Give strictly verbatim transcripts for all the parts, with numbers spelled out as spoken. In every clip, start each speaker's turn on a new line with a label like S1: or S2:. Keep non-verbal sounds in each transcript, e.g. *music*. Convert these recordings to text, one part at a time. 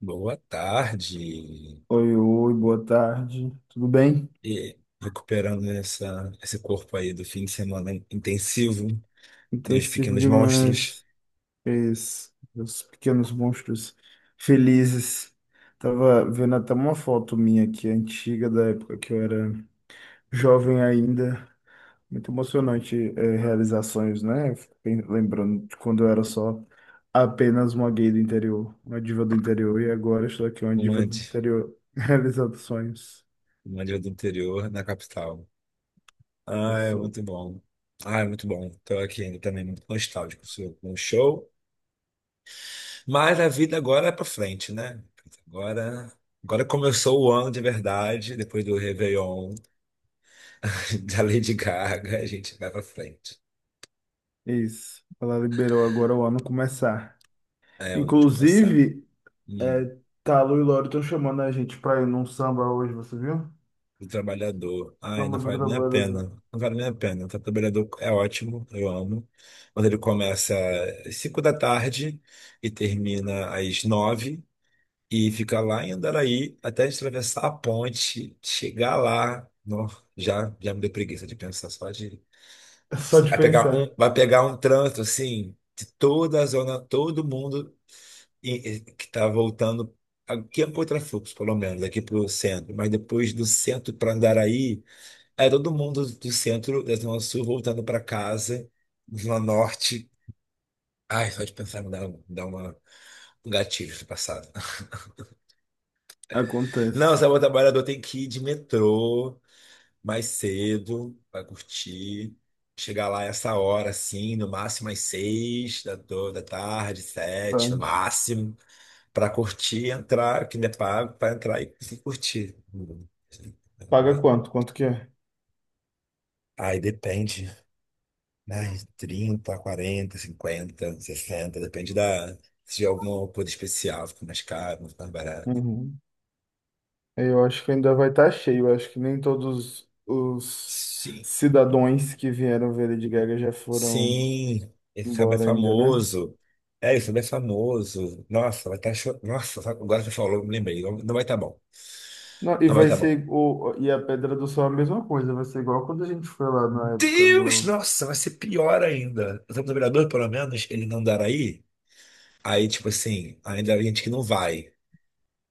S1: Boa tarde.
S2: Oi, oi, boa tarde. Tudo bem?
S1: E recuperando essa, esse corpo aí do fim de semana intensivo, dois
S2: Intensivo
S1: pequenos monstros,
S2: demais. Fez os pequenos monstros felizes. Tava vendo até uma foto minha aqui, antiga, da época que eu era jovem ainda. Muito emocionante, eh, realizar sonhos, né? Eu fico pen- lembrando de quando eu era só apenas uma gay do interior, uma diva do interior, e agora estou aqui, uma
S1: um
S2: diva do
S1: antes,
S2: interior, *laughs* realizando sonhos.
S1: um ali do interior, na capital.
S2: Eu
S1: Ah, é
S2: sou
S1: muito bom. Ah, é muito bom. Estou aqui ainda também muito nostálgico sou com o show. Mas a vida agora é para frente, né? Agora, agora começou o ano de verdade, depois do Réveillon, *laughs* da Lady Gaga, a gente vai para frente.
S2: isso. Ela liberou agora o ano começar.
S1: É onde começar.
S2: Inclusive,
S1: Hum.
S2: é, Talo e Loro estão chamando a gente pra ir num samba hoje, você viu?
S1: Do trabalhador. Ai,
S2: Samba
S1: não
S2: do
S1: vale nem a pena.
S2: trabalhador. *laughs*
S1: Não vale nem a pena. O trabalhador é ótimo, eu amo. Mas ele começa às cinco da tarde e termina às nove e fica lá em Andaraí até a gente atravessar a ponte, chegar lá. Nó, já, já me deu preguiça de pensar só de.
S2: É só de
S1: Vai pegar um,
S2: pensar.
S1: vai pegar um trânsito assim, de toda a zona, todo mundo e- e que está voltando. Aqui é um contrafluxo, pelo menos, aqui para o centro, mas depois do centro para Andaraí. Aí todo mundo do centro da Zona Sul voltando para casa, Zona Norte. Ai, só de pensar me dá, um, me dá uma, um gatilho do passado. *laughs* Não,
S2: Acontece.
S1: sabe, o trabalhador tem que ir de metrô mais cedo para curtir. Chegar lá essa hora, assim, no máximo às seis da, to- da tarde, sete, no
S2: Tarde.
S1: máximo, para curtir, e entrar, que não é pago, para entrar e, e curtir.
S2: Paga quanto? Quanto que é?
S1: Aí depende. Mais trinta, quarenta, cinquenta, sessenta, depende da. Se tiver alguma coisa especial, fica mais caro, não fica mais barato.
S2: Uhum. Eu acho que ainda vai estar cheio. Eu acho que nem todos os
S1: Sim.
S2: cidadãos que vieram ver Lady Gaga já foram
S1: Sim, esse samba é
S2: iguora ainda, né?
S1: famoso. É, esse samba é famoso. Nossa, vai estar chorando. Nossa, sabe, agora você falou, me lembrei. Não, não vai estar bom.
S2: Não, e
S1: Não vai
S2: vai
S1: estar bom.
S2: ser o, e a Pedra do Sol é a mesma coisa, vai ser igual quando a gente foi lá na época
S1: Deus,
S2: do...
S1: nossa, vai ser pior ainda. O Santo Vereador, pelo menos, ele não dará aí. Aí, tipo assim, ainda há gente que não vai.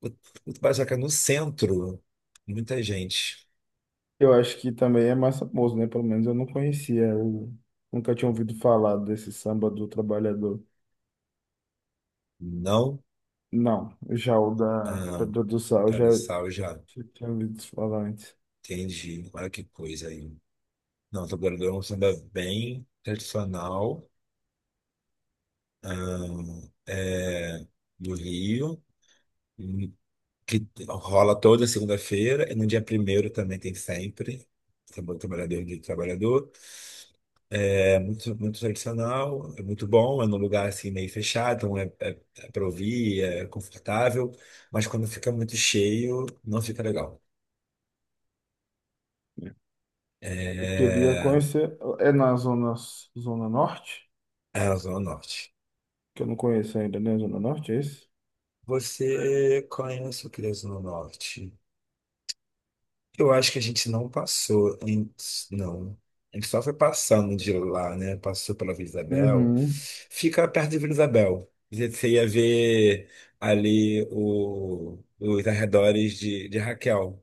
S1: O, o Barzoca no centro, muita gente.
S2: Eu acho que também é mais famoso, né? Pelo menos eu não conhecia, eu nunca tinha ouvido falar desse samba do trabalhador.
S1: Não.
S2: Não, já o da
S1: Ah,
S2: Pedra do Sal,
S1: tá
S2: já
S1: no sal já.
S2: já tinha ouvido falar antes.
S1: Entendi. Olha que coisa aí. Não, tô guardando é um samba bem tradicional ahn, é, do Rio, hum, que rola toda segunda-feira e no dia primeiro também tem sempre. Samba do Trabalhador e do Trabalhador. É muito, muito tradicional, é muito bom, é num lugar assim meio fechado, então é, é, é para ouvir, é confortável, mas quando fica muito cheio, não fica legal.
S2: Eu queria
S1: É,
S2: conhecer, é na zona, zona norte,
S1: é a Zona Norte.
S2: que eu não conheço ainda, né? Zona norte, é isso?
S1: Você conhece o Criança no Norte? Eu acho que a gente não passou, em- não. A gente só foi passando de lá, né? Passou pela Vila Isabel.
S2: Uhum.
S1: Fica perto de Vila Isabel. Você ia ver ali o- os arredores de, de Raquel,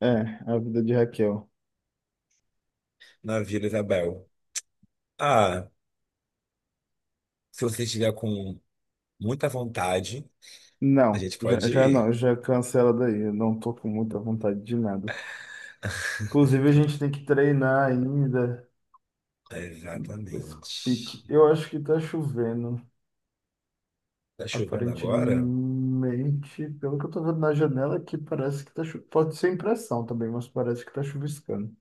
S2: É, a vida de Raquel.
S1: na Vila Isabel. Ah, se você estiver com muita vontade, a
S2: Não,
S1: gente
S2: já,
S1: pode
S2: já não,
S1: ir.
S2: já cancela daí, eu não tô com muita vontade de nada. Inclusive, a gente tem que treinar ainda. Pois pique.
S1: Exatamente.
S2: Eu acho que tá chovendo.
S1: Tá chovendo agora?
S2: Aparentemente, pelo que eu tô vendo na janela aqui, parece que tá chovendo. Pode ser impressão também, mas parece que tá chuviscando.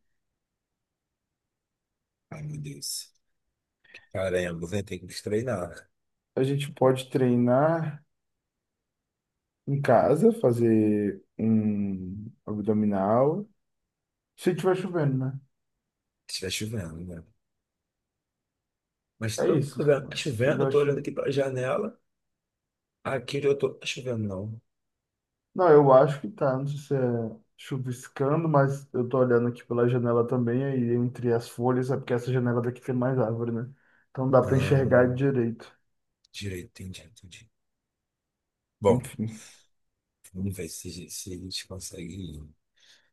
S1: Ai, meu Deus. Caramba, né? Tem que se treinar, né?
S2: A gente pode treinar em casa, fazer um abdominal. Se tiver chovendo, né?
S1: Se estiver chovendo, né? Mas se
S2: É
S1: tá
S2: isso.
S1: chovendo, tá
S2: Se
S1: chovendo, eu
S2: tiver
S1: tô olhando
S2: chu-
S1: aqui pela janela. Aqui onde eu tô, tá chovendo, não.
S2: Não, eu acho que tá. Não sei se é chuviscando, mas eu tô olhando aqui pela janela também, aí entre as folhas, é porque essa janela daqui tem mais árvore, né? Então dá para
S1: Ah,
S2: enxergar direito.
S1: direito, entendi, entendi. Bom,
S2: Enfim.
S1: vamos ver se, se a gente consegue ir.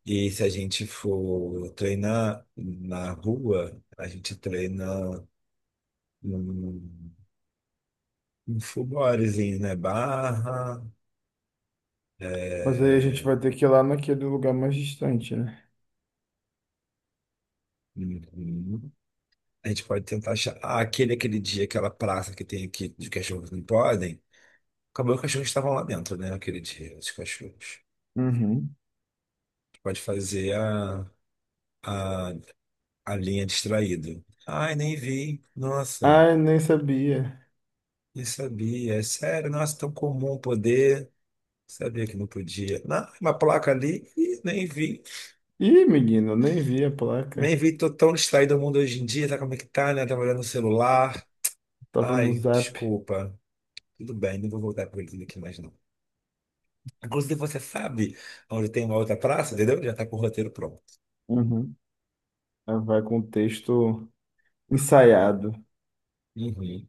S1: E se a gente for treinar na rua, a gente treina num, num full bodyzinho, né? Barra,
S2: Mas aí a gente
S1: é,
S2: vai ter que ir lá naquele lugar mais distante, né?
S1: uhum. A gente pode tentar achar. Ah, aquele, aquele dia, aquela praça que tem aqui de cachorros não podem. Acabou que os cachorros estavam lá dentro, né? Aquele dia, os cachorros.
S2: Uhum.
S1: Pode fazer a, a, a linha distraído. Ai, nem vi. Nossa,
S2: Ai, nem sabia.
S1: nem sabia. É sério, nossa, tão comum poder. Sabia que não podia. Não, uma placa ali, ih, nem vi.
S2: Ih, menino, eu nem vi a placa.
S1: Nem vi, tô tão distraído o mundo hoje em dia, tá como é que tá, né? Trabalhando no celular.
S2: Tava no
S1: Ai,
S2: Zap.
S1: desculpa. Tudo bem, não vou voltar com eles aqui mais não. Inclusive, você sabe onde tem uma outra praça, entendeu? Já tá com o roteiro pronto.
S2: Uhum. Ah, vai com o texto ensaiado.
S1: Uhum.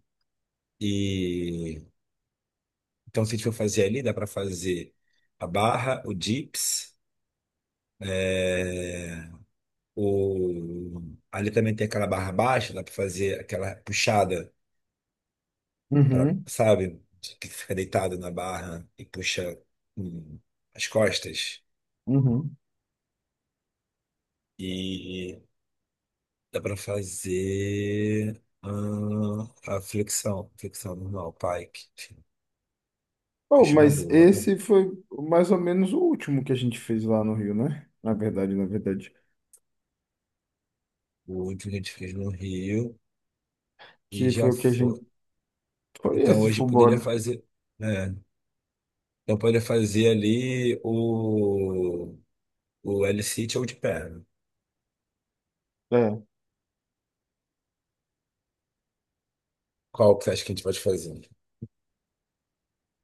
S1: E então, se a gente for fazer ali, dá para fazer a barra, o dips, é, o... Ali também tem aquela barra baixa, dá para fazer aquela puxada, pra,
S2: Uhum.
S1: sabe? Que fica deitado na barra e puxa hum, as costas.
S2: Uhum.
S1: E dá para fazer hum, a flexão, flexão normal, pike. Enfim,
S2: Oh,
S1: acho uma
S2: mas
S1: boa, é bom.
S2: esse foi mais ou menos o último que a gente fez lá no Rio, né? Na verdade, na verdade.
S1: O último que a gente fez no Rio e
S2: Que
S1: já
S2: foi o que a gente.
S1: foi.
S2: Foi
S1: Então,
S2: esse
S1: hoje poderia
S2: Fubora.
S1: fazer, né? Então poderia fazer ali o, o L-sit ou de perna.
S2: É.
S1: Qual que você acha que a gente pode fazer?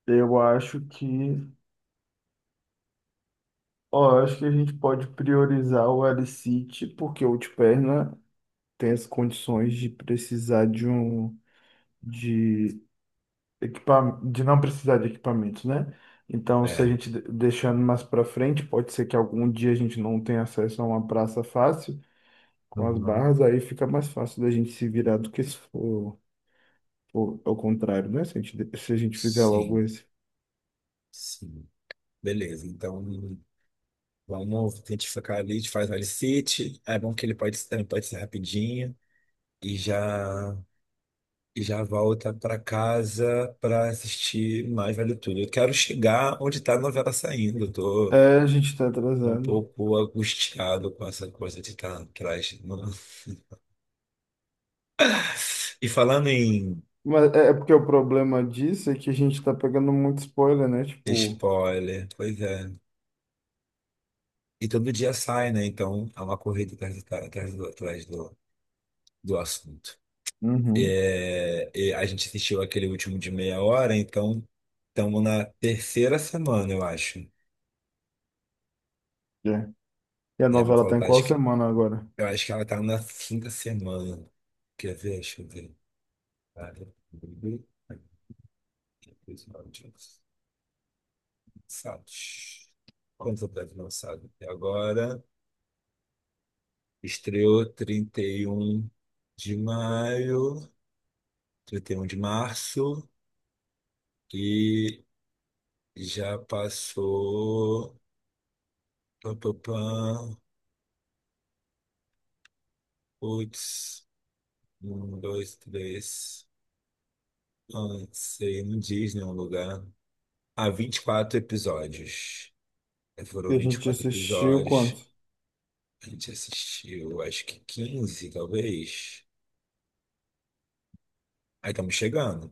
S2: Eu acho que. Ó, eu acho que a gente pode priorizar o Alicite, porque o Ultiperna ter as condições de precisar de um de equipa, de não precisar de equipamentos, né? Então, se a
S1: É.
S2: gente de- deixando mais para frente, pode ser que algum dia a gente não tenha acesso a uma praça fácil com as
S1: Uhum.
S2: barras, aí fica mais fácil da gente se virar do que se for, for ao contrário, né? Se a gente, de- se a gente fizer logo
S1: Sim,
S2: esse.
S1: sim. Beleza, então vamos tentar ficar ali, a gente faz o L-sit. É bom que ele pode, ele pode ser rapidinho e já, e já volta para casa para assistir Mais Vale Tudo. Eu quero chegar onde está a novela saindo. Eu tô
S2: É, a gente tá
S1: um
S2: atrasando.
S1: pouco angustiado com essa coisa de estar atrás, no- *laughs* e falando em
S2: Mas é é porque o problema disso é que a gente tá pegando muito spoiler, né? Tipo,
S1: spoiler, pois é. E todo dia sai, né? Então há uma corrida atrás, do- atrás do, atrás do do assunto.
S2: uhum,
S1: É, e a gente assistiu aquele último de meia hora, então estamos na terceira semana, eu acho.
S2: é. E a
S1: Deve me
S2: novela tá em
S1: faltar,
S2: qual
S1: acho que
S2: semana agora?
S1: eu acho que ela tá na quinta semana. Quer ver? Deixa eu ver. Lançados. Quantos episódios lançados até agora? Estreou trinta e um de maio, trinta e um de março e já passou. Pá, pá, pá, putz, um, dois, três. Ah, isso aí não diz nenhum lugar. Há vinte e quatro episódios.
S2: E
S1: Foram
S2: a gente
S1: vinte e quatro
S2: assistiu
S1: episódios.
S2: quanto?
S1: A gente assistiu, acho que quinze, talvez. Aí estamos chegando.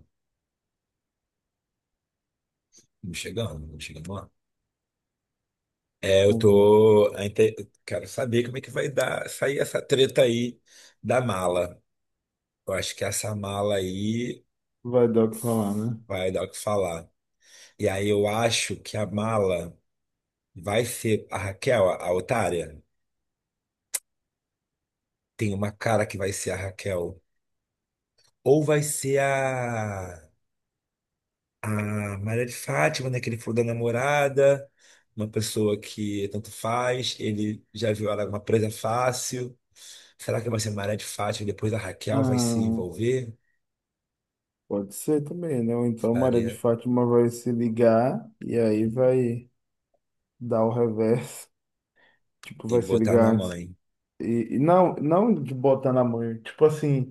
S1: Estamos chegando, estamos chegando lá. É, eu
S2: Agora.
S1: tô, a inte- eu quero saber como é que vai dar, sair essa treta aí da mala. Eu acho que essa mala aí
S2: Vai dar o que falar, né?
S1: vai dar o que falar. E aí eu acho que a mala vai ser a Raquel, a, a otária. Tem uma cara que vai ser a Raquel. Ou vai ser a a Maria de Fátima, né, que ele falou da namorada, uma pessoa que tanto faz, ele já viu ela uma presa fácil. Será que vai ser Maria de Fátima e depois a Raquel vai se
S2: Ah,
S1: envolver?
S2: pode ser também, né? Ou então Maria de
S1: Faria
S2: Fátima vai se ligar e aí vai dar o reverso. *laughs* Tipo,
S1: e
S2: vai se
S1: botar na
S2: ligar antes.
S1: mãe.
S2: E, e não, não de botar na mãe. Tipo assim,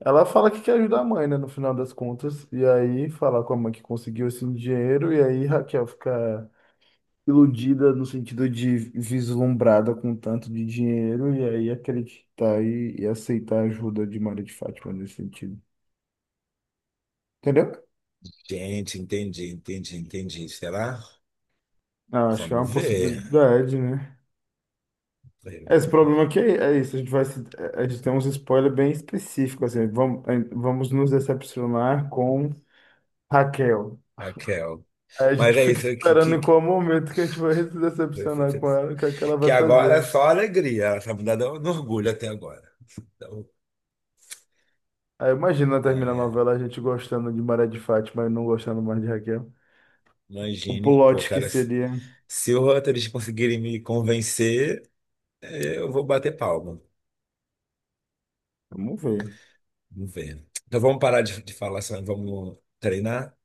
S2: ela fala que quer ajudar a mãe, né? No final das contas. E aí fala com a mãe que conseguiu esse dinheiro. E aí Raquel fica iludida no sentido de vislumbrada com tanto de dinheiro e aí acreditar e, e aceitar a ajuda de Maria de Fátima nesse sentido. Entendeu?
S1: Gente, entendi, entendi, entendi. Será?
S2: Ah, acho que é uma
S1: Vamos ver.
S2: possibilidade, né? É, esse problema aqui é, é isso, a gente vai se- a gente tem uns spoilers bem específicos, assim, vamos, vamos nos decepcionar com Raquel.
S1: Raquel.
S2: Aí a
S1: Mas
S2: gente *laughs*
S1: é
S2: fica
S1: isso que,
S2: esperando em
S1: que,
S2: qual momento que a gente vai se decepcionar com ela, o que é que ela
S1: que
S2: vai
S1: agora é
S2: fazendo.
S1: só alegria. Ela tá mudada no orgulho até agora. Então,
S2: Aí imagina
S1: ah,
S2: terminar a
S1: é.
S2: novela a gente gostando de Maria de Fátima e não gostando mais de Raquel. O
S1: Imagine, pô,
S2: plot que
S1: cara,
S2: seria.
S1: se o Rutgers conseguirem me convencer, eh, eu vou bater palma.
S2: Vamos ver.
S1: Vamos ver. Então vamos parar de, de falar só, e vamos treinar?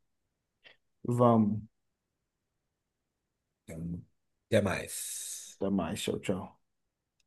S2: Vamos.
S1: Então, até mais.
S2: Até mais. Tchau, tchau.